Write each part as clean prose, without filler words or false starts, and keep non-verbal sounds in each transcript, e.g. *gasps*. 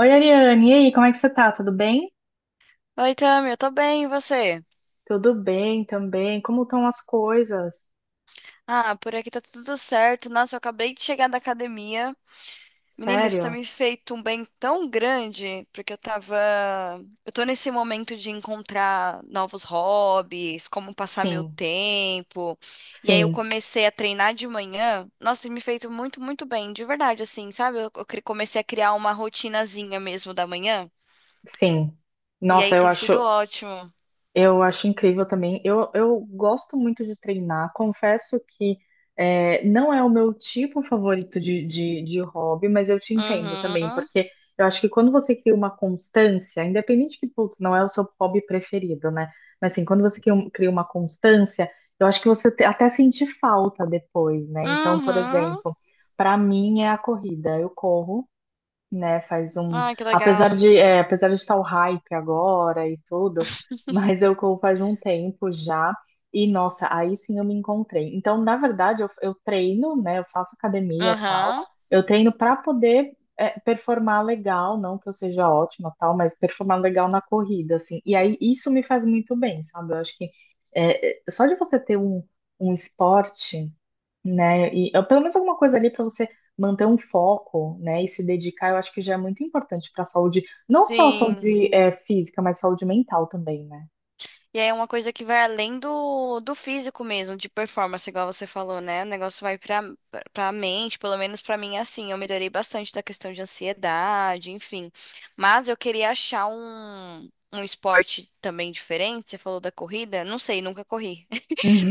Oi, Ariane, e aí, como é que você tá? Tudo bem? Oi, Tami, eu tô bem, e você? Tudo bem também. Como estão as coisas? Ah, por aqui tá tudo certo. Nossa, eu acabei de chegar da academia. Menina, isso tá Sério? me feito um bem tão grande, porque eu tava. Eu tô nesse momento de encontrar novos hobbies, como passar meu Sim, tempo. E aí eu sim, comecei a treinar de manhã. Nossa, tem me feito muito, muito bem, de verdade, assim, sabe? Eu comecei a criar uma rotinazinha mesmo da manhã. sim. E aí Nossa, eu tem sido acho, ótimo. Eu acho incrível também. Eu gosto muito de treinar. Confesso que não é o meu tipo favorito de, de hobby, mas eu te entendo também, Uhum. porque eu acho que quando você cria uma constância, independente que, putz, não é o seu hobby preferido, né? Mas assim, quando você cria uma constância, eu acho que você até sente falta depois, né? Então, por Uhum. exemplo, para mim é a corrida. Eu corro, né? Faz um, Ai, que apesar legal. de, é, apesar de estar o hype agora e tudo, *laughs* mas eu corro faz um tempo já e nossa, aí sim eu me encontrei. Então, na verdade, eu treino, né? Eu faço academia e tal. Aham. Eu treino para poder performar legal, não que eu seja ótima tal, mas performar legal na corrida, assim. E aí isso me faz muito bem, sabe? Eu acho que só de você ter um esporte, né? Pelo menos alguma coisa ali para você manter um foco, né, e se dedicar, eu acho que já é muito importante para a saúde, não só a Sim. saúde física, mas saúde mental também, né? E aí é uma coisa que vai além do físico mesmo, de performance, igual você falou, né? O negócio vai pra mente, pelo menos pra mim é assim. Eu melhorei bastante da questão de ansiedade, enfim. Mas eu queria achar um esporte também diferente. Você falou da corrida? Não sei, nunca corri.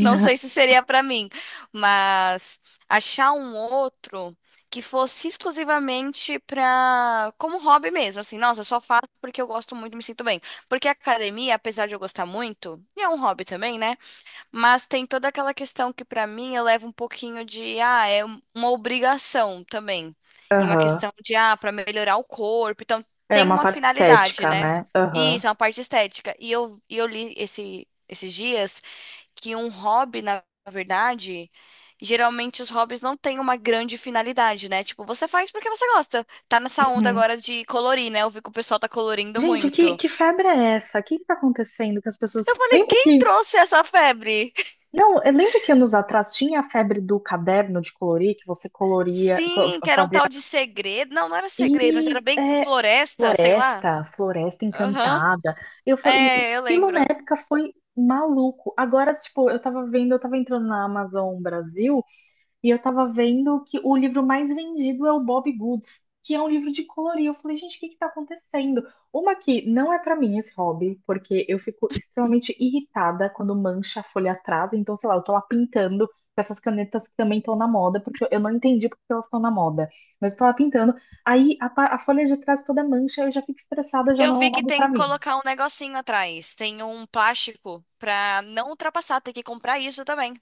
Não sei se seria pra mim, mas achar um outro que fosse exclusivamente pra como hobby mesmo, assim, nossa, eu só faço porque eu gosto muito, me sinto bem. Porque a academia, apesar de eu gostar muito, e é um hobby também, né? Mas tem toda aquela questão que pra mim eu levo um pouquinho de uma obrigação também. E uma Aham. questão de, pra melhorar o corpo, então É tem uma uma parte finalidade, estética, né? né? Aham. Isso, é uma parte estética. E eu li esses dias que um hobby, na verdade, geralmente os hobbies não têm uma grande finalidade, né? Tipo, você faz porque você gosta. Tá nessa onda Uhum. agora de colorir, né? Eu vi que o pessoal tá colorindo Gente, que, muito. que febre é essa? O que que tá acontecendo que as pessoas... Eu falei, Lembra quem que... trouxe essa febre? *laughs* Não, eu lembro que anos atrás tinha a febre do caderno de colorir, que você coloria, Sim, que era um fazia... tal de segredo. Não, não era segredo, mas era Isso, bem floresta, sei lá. Floresta Aham. Encantada. Eu falei, e É, eu aquilo na lembro. época foi maluco. Agora, tipo, eu tava entrando na Amazon Brasil. E eu tava vendo que o livro mais vendido é o Bob Goods, que é um livro de colorir. Eu falei, gente, o que que tá acontecendo? Uma que não é pra mim esse hobby, porque eu fico extremamente irritada quando mancha a folha atrás. Então, sei lá, eu tô lá pintando com essas canetas que também estão na moda, porque eu não entendi porque elas estão na moda. Mas eu tô lá pintando. Aí a folha de trás toda mancha, eu já fico estressada, já Eu não é um vi que hobby tem pra que mim. colocar um negocinho atrás. Tem um plástico pra não ultrapassar. Tem que comprar isso também.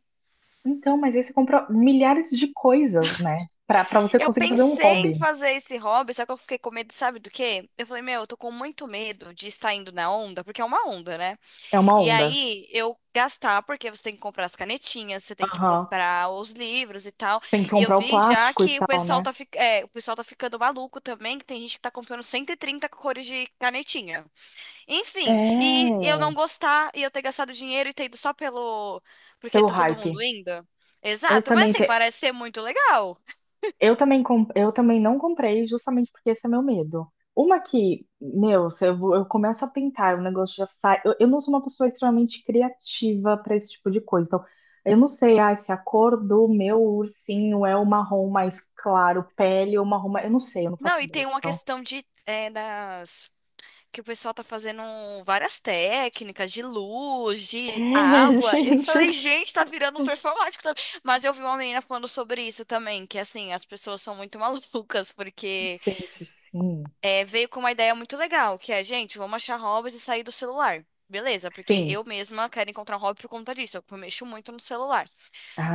Então, mas aí você compra milhares de coisas, né? Pra você Eu conseguir fazer um pensei em hobby. fazer esse hobby, só que eu fiquei com medo, sabe do quê? Eu falei, meu, eu tô com muito medo de estar indo na onda, porque é uma onda, né? É uma E onda. aí eu gastar, porque você tem que comprar as canetinhas, você tem que Aham. comprar os livros e tal. Tem que E eu comprar o vi já plástico e que o tal, pessoal né? tá ficando maluco também, que tem gente que tá comprando 130 cores de canetinha. Enfim, e É, eu não gostar e eu ter gastado dinheiro e ter ido só pelo. Porque pelo tá todo mundo hype. indo. Eu Exato, mas também, assim, te... parece ser muito legal. Eu também não comprei justamente porque esse é meu medo. Uma que, meu, se eu, vou- eu começo a pintar, o negócio já sai. Eu não sou uma pessoa extremamente criativa para esse tipo de coisa. Então, eu não sei, se a cor do meu ursinho é o marrom mais claro, pele ou marrom mais... Eu não sei, eu não Não, faço e ideia. tem uma Então, questão de das que o pessoal tá fazendo várias técnicas de luz, *laughs* de água. Eu gente, falei, gente, tá virando um performático também. Mas eu vi uma menina falando sobre isso também, que assim, as pessoas são muito *laughs* malucas porque gente, sim, veio com uma ideia muito legal, que é, gente, vamos achar hobbies e sair do celular. Beleza, porque sim. eu mesma quero encontrar um hobby por conta disso, eu mexo muito no celular.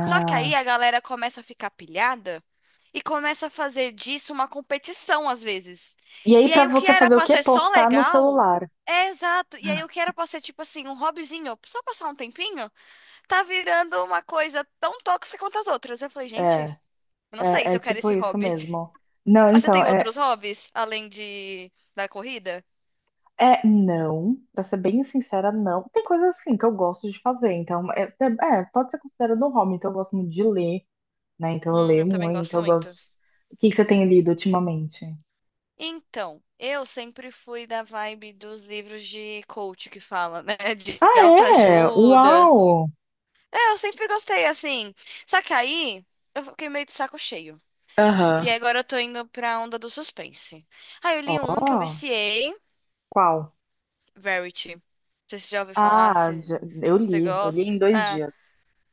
Só que aí a galera começa a ficar pilhada e começa a fazer disso uma competição às vezes. E aí, E pra aí o que você era fazer o pra quê? ser só Postar no legal, celular. é exato. E aí o que era pra ser tipo assim, um hobbyzinho, só passar um tempinho, tá virando uma coisa tão tóxica quanto as outras. Eu falei, gente, É, eu não sei é, se é eu quero tipo esse isso hobby. mesmo. Não, Mas você então, tem outros hobbies além de da corrida? Não, pra ser bem sincera, não. Tem coisas assim que eu gosto de fazer, então, pode ser considerado um hobby, então eu gosto muito de ler, né? Então eu leio Eu também muito, gosto então eu muito. gosto. O que que você tem lido ultimamente? Então, eu sempre fui da vibe dos livros de coach que fala, né? *laughs* Ah, De é? autoajuda. Uau! É, eu sempre gostei, assim. Só que aí eu fiquei meio de saco cheio. E Aham. agora eu tô indo pra onda do suspense. Aí eu li um que eu Ó, viciei, qual? Verity. Não sei se você já ouviu falar, Ah, se, eu se você li, eu li gosta. em dois Ah, dias.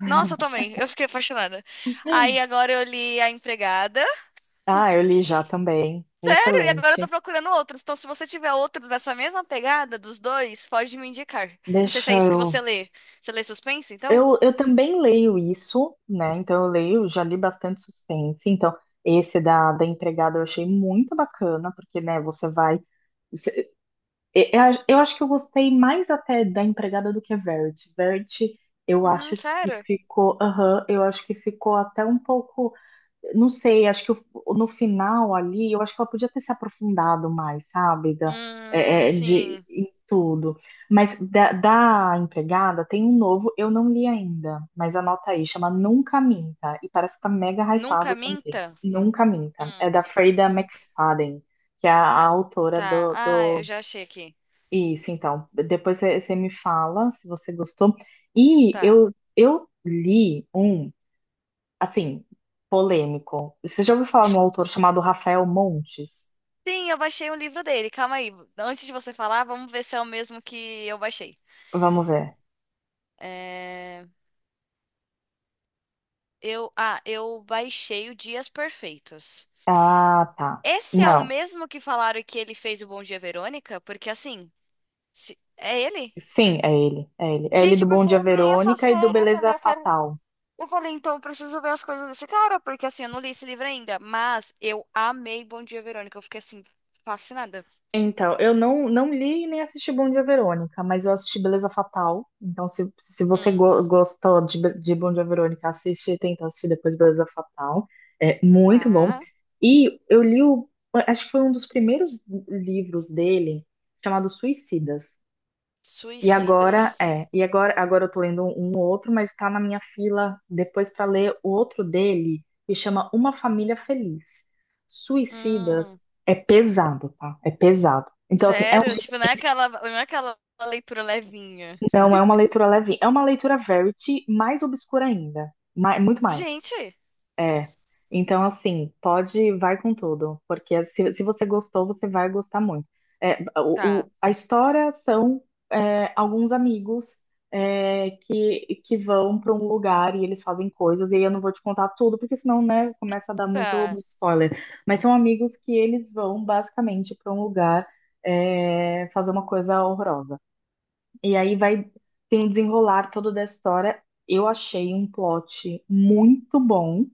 nossa, eu também. Eu fiquei apaixonada. Aí *gasps* *laughs* agora eu li A Empregada. Ah, eu li já também. E agora eu tô Excelente. procurando outros. Então, se você tiver outros dessa mesma pegada dos dois, pode me indicar. Não sei se é Deixa isso que eu você lê. Você lê suspense, então? eu também leio isso, né? Então eu leio, já li bastante suspense. Então, esse da empregada eu achei muito bacana, porque, né, você vai. você- eu acho que eu gostei mais até da empregada do que a Verity. Verity, eu acho que Sério? ficou. Aham, eu acho que ficou até um pouco, não sei, acho que no final ali, eu acho que ela podia ter se aprofundado mais, sabe? Da, é, é, de, Sim. em tudo. Mas da empregada tem um novo, eu não li ainda, mas anota aí, chama Nunca Minta. E parece que tá mega hypado Nunca também. minta? Nunca Minta. É Hum, da Freida nunca. McFadden, que é a autora Tá. do, Ah, eu do. já achei aqui. Isso, então. Depois você me fala se você gostou. E Tá. eu li um. Assim, polêmico. Você já ouviu falar num autor chamado Rafael Montes? Sim, eu baixei um livro dele. Calma aí. Antes de você falar, vamos ver se é o mesmo que eu baixei. Vamos ver. É... Ah, eu baixei o Dias Perfeitos. Ah, tá. Esse é o Não. mesmo que falaram que ele fez o Bom Dia, Verônica? Porque assim. É ele? Sim, é ele. É ele. É ele do Gente, Bom porque Dia eu amei essa Verônica e do série. Eu Beleza falei, eu quero. Fatal. Eu falei, então eu preciso ver as coisas desse cara, porque assim, eu não li esse livro ainda. Mas eu amei Bom Dia, Verônica. Eu fiquei assim, fascinada. Então, eu não li nem assisti Bom Dia Verônica, mas eu assisti Beleza Fatal. Então, se você Hum, gostou de Bom Dia Verônica, tenta assistir depois Beleza Fatal. É muito bom. tá. E eu li o, acho que foi um dos primeiros livros dele, chamado Suicidas. E agora, Suicidas. é, e agora, agora eu tô lendo um outro, mas tá na minha fila depois para ler o outro dele, que chama Uma Família Feliz. Hum. Suicidas é pesado, tá? É pesado. Então, assim, Sério? Tipo, não é aquela leitura levinha. não é uma leitura leve, é uma leitura verity mais obscura ainda, muito mais. Gente, É. Então, assim, vai com tudo, porque se você gostou, você vai gostar muito. É, o, tá, a história alguns amigos, que vão para um lugar e eles fazem coisas, e aí eu não vou te contar tudo, porque senão, né, começa a dar muito, tá. muito spoiler. Mas são amigos que eles vão basicamente para um lugar, fazer uma coisa horrorosa. E aí tem um desenrolar todo da história. Eu achei um plot muito bom.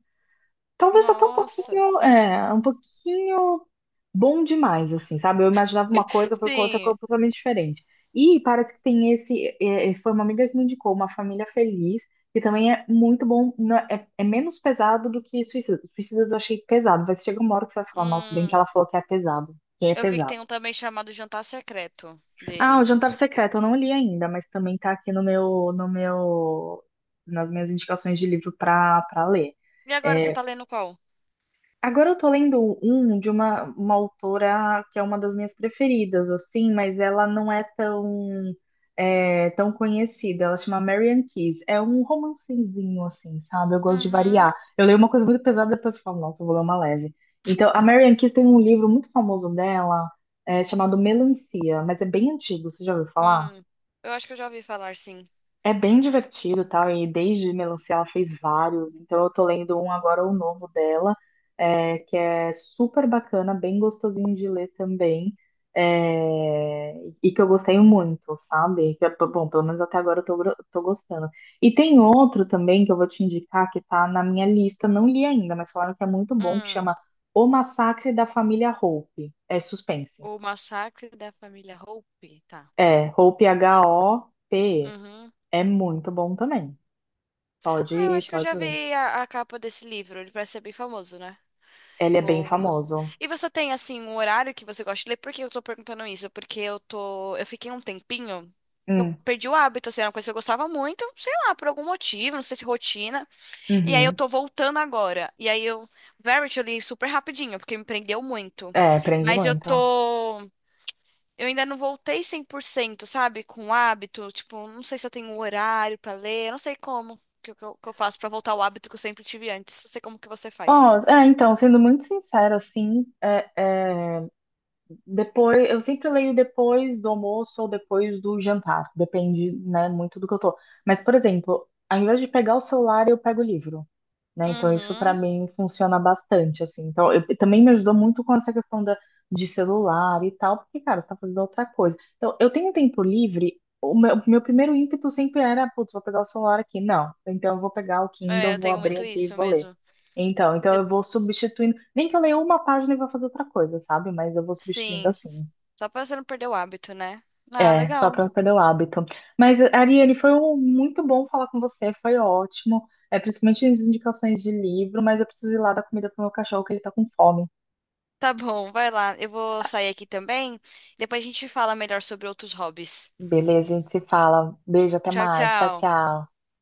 Talvez até Nossa. Um pouquinho bom demais, assim, sabe? Eu imaginava uma coisa, foi com outra Sim. coisa totalmente diferente. E parece que tem foi uma amiga que me indicou, Uma Família Feliz, que também é muito bom, é menos pesado do que Suicida. Suicida eu achei pesado, vai chegar uma hora que você vai falar, nossa, bem que Hum. ela falou que é pesado, que é Eu vi que pesado. tem um também chamado Jantar Secreto Ah, O dele. Jantar Secreto, eu não li ainda, mas também tá aqui no meu, nas minhas indicações de livro pra ler. E agora você É, tá lendo qual? Agora eu tô lendo um de uma autora que é uma das minhas preferidas, assim, mas ela não é tão conhecida. Ela chama Marian Keyes. É um romancezinho, assim, sabe? Eu gosto de Uhum. variar. Eu leio uma coisa muito pesada, depois eu falo, nossa, eu vou ler uma leve. Então, a Marian Keyes tem um livro muito famoso dela, chamado Melancia, mas é bem antigo, você já ouviu falar? Hum, eu acho que eu já ouvi falar, sim. É bem divertido, tal, e desde Melancia ela fez vários, então eu tô lendo um agora, o novo dela, que é super bacana, bem gostosinho de ler também, é, e que eu gostei muito, sabe? Bom, pelo menos até agora tô gostando. E tem outro também que eu vou te indicar, que tá na minha lista, não li ainda, mas falaram que é muito bom, que Hum, chama O Massacre da Família Hope, é suspense. o massacre da família Hope, tá. É, Hope, Hope, Uhum. é muito bom também. Ah, eu Pode, acho que eu já pode ler. vi a capa desse livro. Ele parece ser bem famoso, né? Ele é bem Vou. famoso. E você tem, assim, um horário que você gosta de ler? Por que eu tô perguntando isso? Porque eu tô... Eu fiquei um tempinho... Eu Hum, perdi o hábito, assim, era uma coisa que eu gostava muito, sei lá, por algum motivo, não sei se rotina. E aí eu uhum. tô voltando agora. E aí eu... Verity eu li super rapidinho, porque me prendeu muito. É, prende Mas eu muito. tô... Eu ainda não voltei 100%, sabe? Com o hábito. Tipo, não sei se eu tenho um horário pra ler. Eu não sei como que eu faço pra voltar ao hábito que eu sempre tive antes. Não sei como que você Ó, faz. Então, sendo muito sincera, assim, é, depois, eu sempre leio depois do almoço ou depois do jantar, depende, né, muito do que eu tô. Mas, por exemplo, ao invés de pegar o celular, eu pego o livro, né? Então isso para Uhum. mim funciona bastante, assim. Então também me ajudou muito com essa questão de celular e tal, porque, cara, você tá fazendo outra coisa. Então eu tenho um tempo livre, meu primeiro ímpeto sempre era, putz, vou pegar o celular aqui. Não, então eu vou pegar o É, Kindle, eu vou tenho abrir muito aqui e isso vou ler. mesmo. Então Eu- eu vou substituindo, nem que eu leia uma página e vou fazer outra coisa, sabe? Mas eu vou substituindo sim. assim. Só pra você não perder o hábito, né? Ah, É, só legal. para não perder o hábito. Mas, Ariane, foi muito bom falar com você, foi ótimo. É, principalmente as indicações de livro, mas eu preciso ir lá dar comida pro meu cachorro, que ele tá com fome. Tá bom, vai lá. Eu vou sair aqui também. Depois a gente fala melhor sobre outros hobbies. Beleza, a gente se fala. Beijo, até Tchau, mais. Tchau, tchau. tchau.